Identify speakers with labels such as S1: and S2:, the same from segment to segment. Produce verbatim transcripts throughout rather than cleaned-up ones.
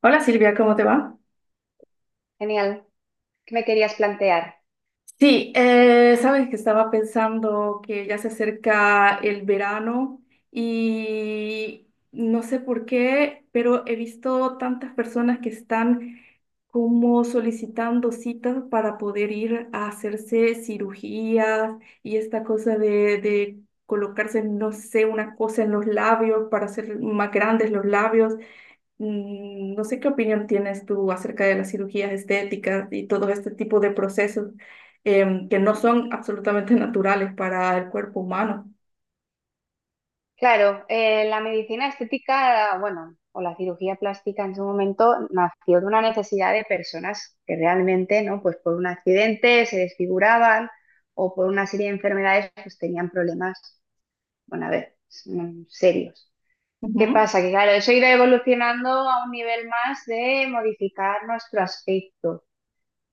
S1: Hola Silvia, ¿cómo te va?
S2: Genial. ¿Qué me querías plantear?
S1: Sí, eh, sabes que estaba pensando que ya se acerca el verano y no sé por qué, pero he visto tantas personas que están como solicitando citas para poder ir a hacerse cirugías y esta cosa de, de colocarse, no sé, una cosa en los labios para hacer más grandes los labios. Mm, No sé qué opinión tienes tú acerca de las cirugías estéticas y todo este tipo de procesos em, que no son absolutamente naturales para el cuerpo humano.
S2: Claro, eh, la medicina estética, bueno, o la cirugía plástica en su momento nació de una necesidad de personas que realmente, ¿no? Pues por un accidente se desfiguraban o por una serie de enfermedades, pues tenían problemas, bueno, a ver, mm, serios. ¿Qué
S1: Ujú.
S2: pasa? Que claro, eso irá evolucionando a un nivel más de modificar nuestro aspecto.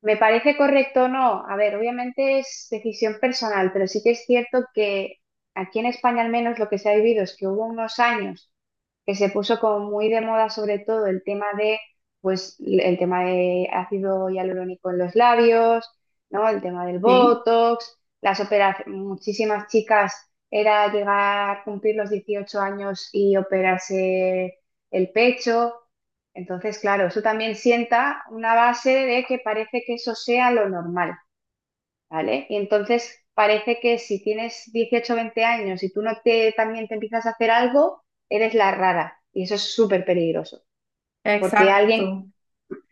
S2: ¿Me parece correcto o no? A ver, obviamente es decisión personal, pero sí que es cierto que aquí en España al menos lo que se ha vivido es que hubo unos años que se puso como muy de moda sobre todo el tema de, pues, el tema de ácido hialurónico en los labios, ¿no? El tema del
S1: Sí,
S2: Botox, las operaciones, muchísimas chicas era llegar a cumplir los dieciocho años y operarse el pecho. Entonces, claro, eso también sienta una base de que parece que eso sea lo normal. ¿Vale? Y entonces parece que si tienes dieciocho o veinte años y tú no te también te empiezas a hacer algo, eres la rara. Y eso es súper peligroso. Porque alguien,
S1: exacto.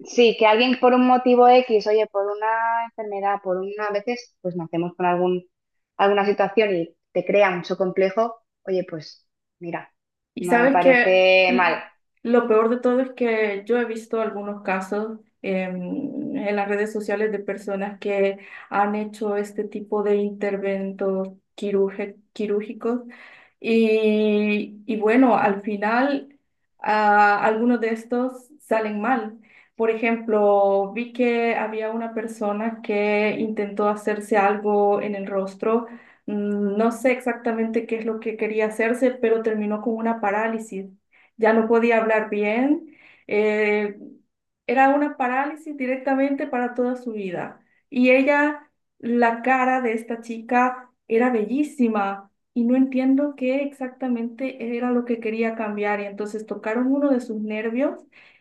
S2: sí, que alguien por un motivo X, oye, por una enfermedad, por una, a veces, pues nacemos con algún, alguna situación y te crea mucho complejo, oye, pues mira,
S1: Y
S2: no me
S1: sabes que
S2: parece mal.
S1: l- lo peor de todo es que yo he visto algunos casos em, en las redes sociales de personas que han hecho este tipo de interventos quirúrge- quirúrgicos y, y bueno, al final ah, algunos de estos salen mal. Por ejemplo, vi que había una persona que intentó hacerse algo en el rostro. Mm, No sé exactamente qué es lo que quería hacerse, pero terminó con una parálisis. Ya no podía hablar bien. eh, Era una parálisis directamente para toda su vida. Y ella, la cara de esta chica era bellísima y no entiendo qué exactamente era lo que quería cambiar. Y entonces tocaron uno de sus nervios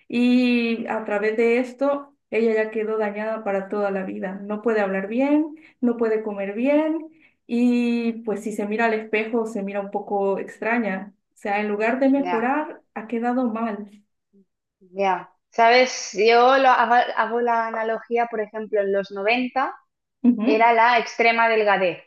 S1: y a través de esto, ella ya quedó dañada para toda la vida. No puede hablar bien, no puede comer bien y pues si se mira al espejo, se mira un poco extraña. O sea, en lugar de
S2: Ya,
S1: mejorar, ha quedado mal.
S2: ya. ¿Sabes? Yo lo, hago hago la analogía, por ejemplo, en los noventa
S1: Ujú.
S2: era la extrema delgadez.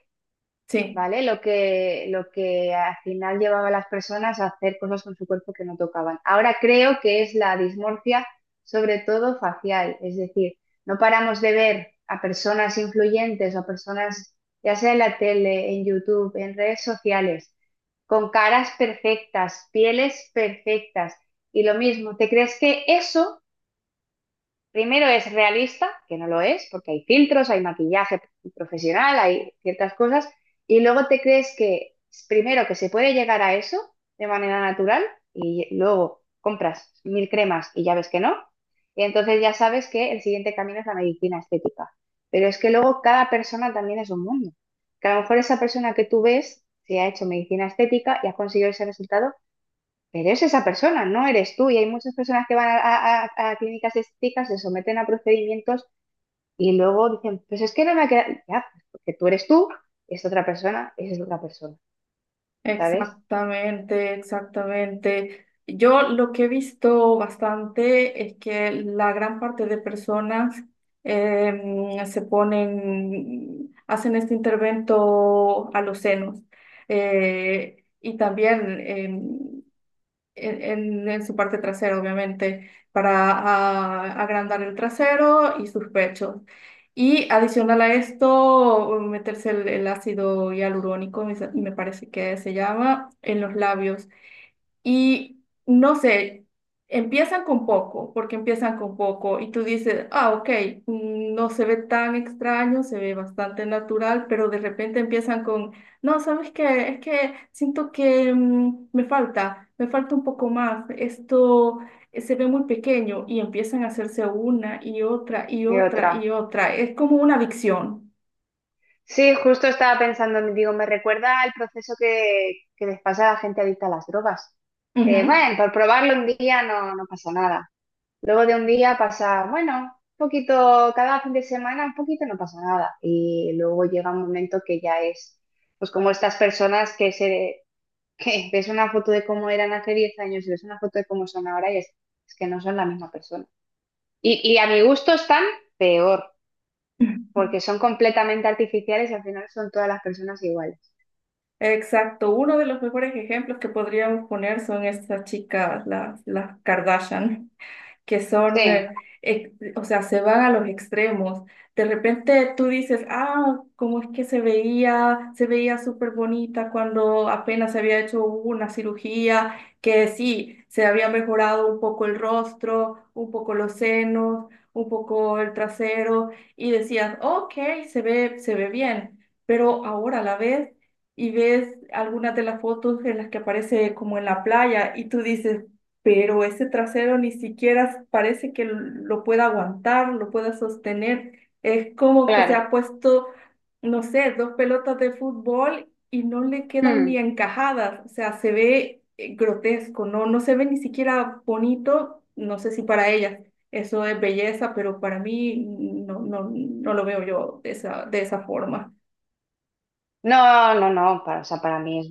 S1: Sí,
S2: ¿Vale? Lo que, lo que al final llevaba a las personas a hacer cosas con su cuerpo que no tocaban. Ahora creo que es la dismorfia, sobre todo facial, es decir, no paramos de ver a personas influyentes o a personas, ya sea en la tele, en YouTube, en redes sociales, con caras perfectas, pieles perfectas. Y lo mismo, ¿te crees que eso primero es realista? Que no lo es, porque hay filtros, hay maquillaje profesional, hay ciertas cosas, y luego te crees que primero que se puede llegar a eso de manera natural y luego compras mil cremas y ya ves que no, y entonces ya sabes que el siguiente camino es la medicina estética. Pero es que luego cada persona también es un mundo, que a lo mejor esa persona que tú ves se ha hecho medicina estética y ha conseguido ese resultado, pero es esa persona, no eres tú. Y hay muchas personas que van a, a- a- a clínicas estéticas, se someten a procedimientos y luego dicen, pues es que no me ha quedado. Ya, pues porque tú eres tú, es otra persona, es otra persona, ¿sabes?
S1: exactamente, exactamente. Yo lo que he visto bastante es que la gran parte de personas em, se ponen, hacen este intervento a los senos. Eh, y también, em, en, en- en su parte trasera, obviamente, para ah, agrandar el trasero y sus pechos. Y adicional a esto, meterse el, el ácido hialurónico, me, sa- me parece que se llama, en los labios. Y no sé, empiezan con poco, porque empiezan con poco y tú dices, ah, ok, mm, no se ve tan extraño, se ve bastante natural, pero de repente empiezan con, no, ¿sabes qué? Es que siento que mm, me falta, me falta un poco más, esto eh, se ve muy pequeño y empiezan a hacerse una y otra y
S2: Y
S1: otra y
S2: otra.
S1: otra. Es como una adicción.
S2: Sí, justo estaba pensando, digo, me recuerda al proceso que, que les pasa a la gente adicta a las drogas. Eh,
S1: Ujú.
S2: bueno, por probarlo un día no, no pasa nada. Luego de un día pasa, bueno, un poquito, cada fin de semana un poquito no pasa nada. Y luego llega un momento que ya es, pues como estas personas que se, que ves una foto de cómo eran hace diez años y ves una foto de cómo son ahora y es, es que no son la misma persona. Y, y a mi gusto están peor, porque son completamente artificiales y al final son todas las personas iguales.
S1: Exacto, uno de los mejores ejemplos que podríamos poner son estas chicas, las, las Kardashian que son,
S2: Sí,
S1: eh, ex- o sea, se van a los extremos. De repente tú dices, ah, cómo es que se veía, se veía súper bonita cuando apenas se había hecho una cirugía, que sí, se había mejorado un poco el rostro, un poco los senos, un poco el trasero, y decías, ok, se ve, se ve bien, pero ahora la ves y ves algunas de las fotos en las que aparece como en la playa y tú dices, pero ese trasero ni siquiera parece que lo pueda aguantar, lo pueda sostener. Es como que se
S2: claro.
S1: ha puesto, no sé, dos pelotas de fútbol y no le quedan
S2: Hmm.
S1: ni encajadas. O sea, se ve eh, grotesco, no, no se ve ni siquiera bonito. No sé si para ellas eso es belleza, pero para mí no, no, no lo veo yo de esa, de esa forma.
S2: No, no, no, para, o sea, para mí es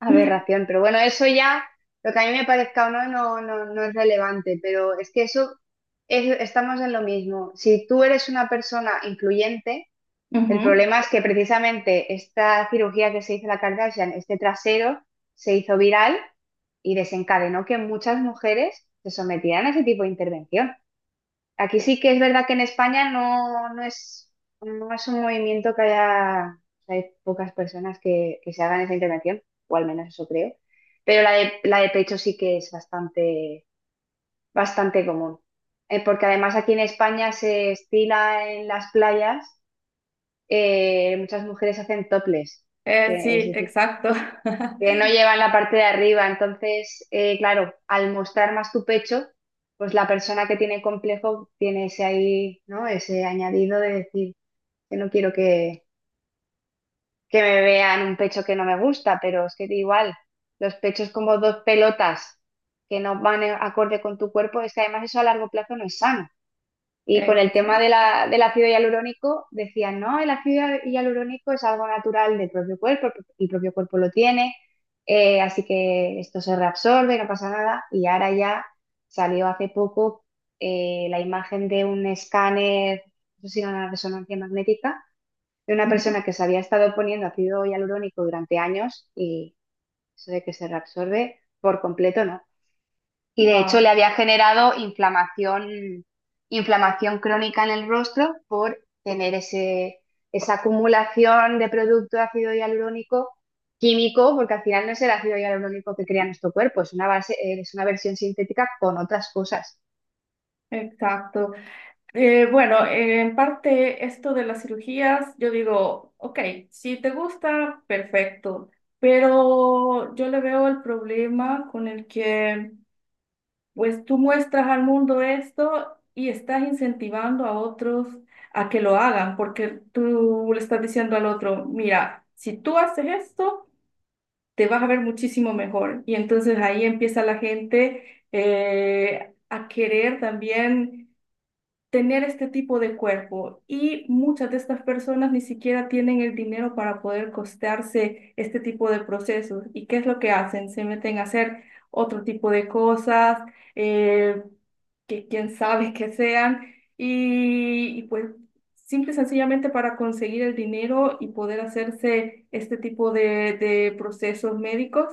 S2: aberración, pero bueno, eso ya, lo que a mí me parezca o no, no, no, no es relevante, pero es que eso, es- estamos en lo mismo. Si tú eres una persona influyente, el
S1: Ujú.
S2: problema es que precisamente esta cirugía que se hizo la Kardashian, este trasero, se hizo viral y desencadenó que muchas mujeres se sometieran a ese tipo de intervención. Aquí sí que es verdad que en España no, no es, no es un movimiento que haya, hay pocas personas que, que se hagan esa intervención, o al menos eso creo. Pero la de, la de pecho sí que es bastante, bastante común. Eh, porque además aquí en España se estila en las playas, eh, muchas mujeres hacen toples,
S1: Eh,
S2: que es
S1: sí,
S2: decir
S1: exacto.
S2: que no llevan la parte de arriba. Entonces, eh, claro, al mostrar más tu pecho, pues la persona que tiene complejo tiene ese ahí, ¿no? Ese añadido de decir, que no quiero que, que me vean un pecho que no me gusta, pero es que igual, los pechos como dos pelotas que no van en- acorde con tu cuerpo, es que además eso a largo plazo no es sano. Y con el tema de
S1: Exacto.
S2: la, del ácido hialurónico, decían, no, el ácido hialurónico es algo natural del propio cuerpo, el propio cuerpo lo tiene, eh, así que esto se reabsorbe, no pasa nada. Y ahora ya salió hace poco eh, la imagen de un escáner, no sé si era una resonancia magnética, de una
S1: Ujú.
S2: persona que se había estado poniendo ácido hialurónico durante años y eso de que se reabsorbe por completo, ¿no? Y de hecho le
S1: Wow.
S2: había generado inflamación, inflamación crónica en el rostro por tener ese, esa acumulación de producto de ácido hialurónico químico, porque al final no es el ácido hialurónico que crea nuestro cuerpo, es una base, eh, es una versión sintética con otras cosas.
S1: Exacto. Eh, bueno, eh, en parte esto de las cirugías, yo digo, ok, si te gusta, perfecto, pero yo le veo el problema con el que pues tú muestras al mundo esto y estás incentivando a otros a que lo hagan, porque tú le estás diciendo al otro, mira, si tú haces esto, te vas a ver muchísimo mejor. Y entonces ahí empieza la gente eh, a querer también tener este tipo de cuerpo y muchas de estas personas ni siquiera tienen el dinero para poder costearse este tipo de procesos. ¿Y qué es lo que hacen? Se meten a hacer otro tipo de cosas, eh, que quién sabe que sean, y, y pues simple y sencillamente para conseguir el dinero y poder hacerse este tipo de, de procesos médicos,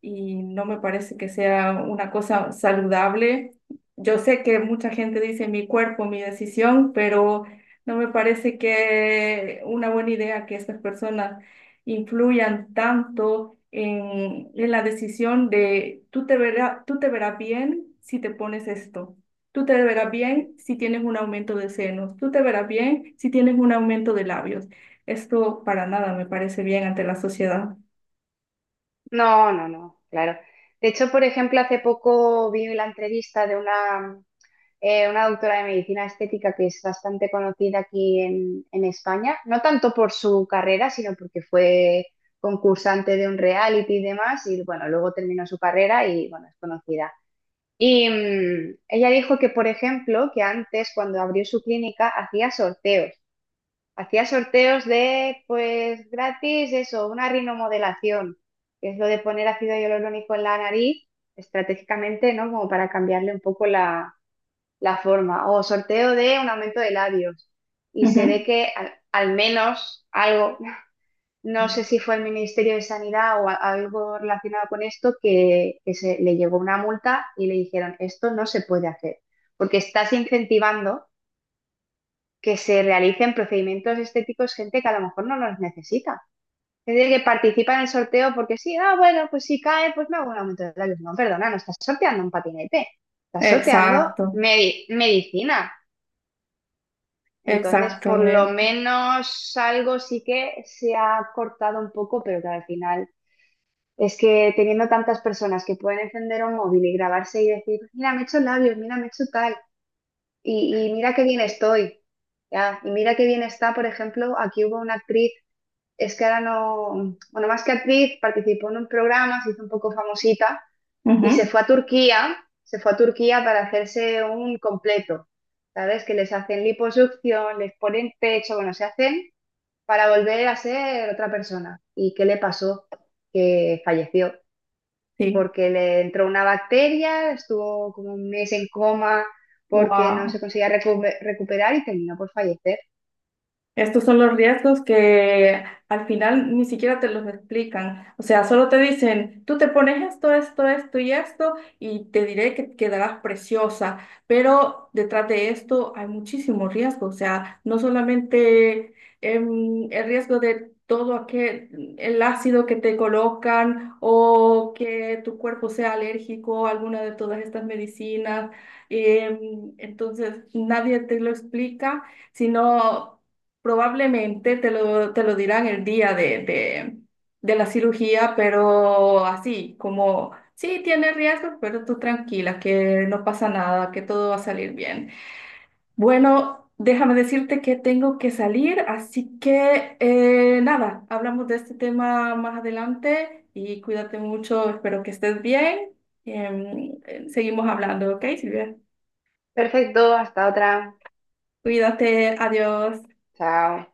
S1: y no me parece que sea una cosa saludable. Yo sé que mucha gente dice mi cuerpo, mi decisión, pero no me parece que una buena idea que estas personas influyan tanto en, en la decisión de tú te verás, tú te verás bien si te pones esto. Tú te verás bien si tienes un aumento de senos. Tú te verás bien si tienes un aumento de labios. Esto para nada me parece bien ante la sociedad.
S2: No, no, no, claro. De hecho, por ejemplo, hace poco vi la entrevista de una, eh, una doctora de medicina estética que es bastante conocida aquí en, en España, no tanto por su carrera, sino porque fue concursante de un reality y demás, y bueno, luego terminó su carrera y bueno, es conocida. Y mm, ella dijo que, por ejemplo, que antes cuando abrió su clínica hacía sorteos, hacía sorteos de, pues gratis, eso, una rinomodelación, que es lo de poner ácido hialurónico en la nariz estratégicamente, ¿no? Como para cambiarle un poco la la forma, o sorteo de un aumento de labios. Y se ve
S1: Ujú.
S2: que al, al menos algo, no sé si fue el Ministerio de Sanidad o a- algo relacionado con esto, que, que se, le llegó una multa y le dijeron, esto no se puede hacer, porque estás incentivando que se realicen procedimientos estéticos gente que a lo mejor no los necesita. Es decir, que participa en el sorteo porque sí, ah, bueno, pues si cae, pues me hago un aumento de labios. No, perdona, no estás sorteando un patinete, estás sorteando
S1: Exacto,
S2: medi- medicina. Entonces, por lo
S1: exactamente.
S2: menos algo sí que se ha cortado un poco, pero que al final es que teniendo tantas personas que pueden encender un móvil y grabarse y decir, mira, me he hecho labios, mira, me he hecho tal, y, y mira qué bien estoy, ya, y mira qué bien está, por ejemplo, aquí hubo una actriz, es que ahora no, bueno, más que actriz, participó en un programa, se hizo un poco famosita, y se
S1: Ujú,
S2: fue a Turquía, se fue a Turquía para hacerse un completo, ¿sabes? Que les hacen liposucción, les ponen pecho, bueno, se hacen para volver a ser otra persona. ¿Y qué le pasó? Que falleció
S1: Sí.
S2: porque le entró una bacteria, estuvo como un mes en coma porque no se
S1: Wow.
S2: conseguía recu- recuperar y terminó por fallecer.
S1: Estos son los riesgos que al final ni siquiera te los explican. O sea, solo te dicen, tú te pones esto, esto, esto y esto, y te diré que quedarás preciosa. Pero detrás de esto hay muchísimo riesgo. O sea, no solamente em, el riesgo de todo aquel, el ácido que te colocan o que tu cuerpo sea alérgico a alguna de todas estas medicinas. Em, entonces, nadie te lo explica sino probablemente te lo, te lo dirán el día de, de, de la cirugía, pero así, como, sí, tiene riesgos, pero tú tranquila, que no pasa nada, que todo va a salir bien. Bueno, déjame decirte que tengo que salir, así que eh, nada, hablamos de este tema más adelante y cuídate mucho, espero que estés bien. Em, eh, seguimos hablando, ¿ok, Silvia?
S2: Perfecto, hasta otra.
S1: Cuídate, adiós.
S2: Chao.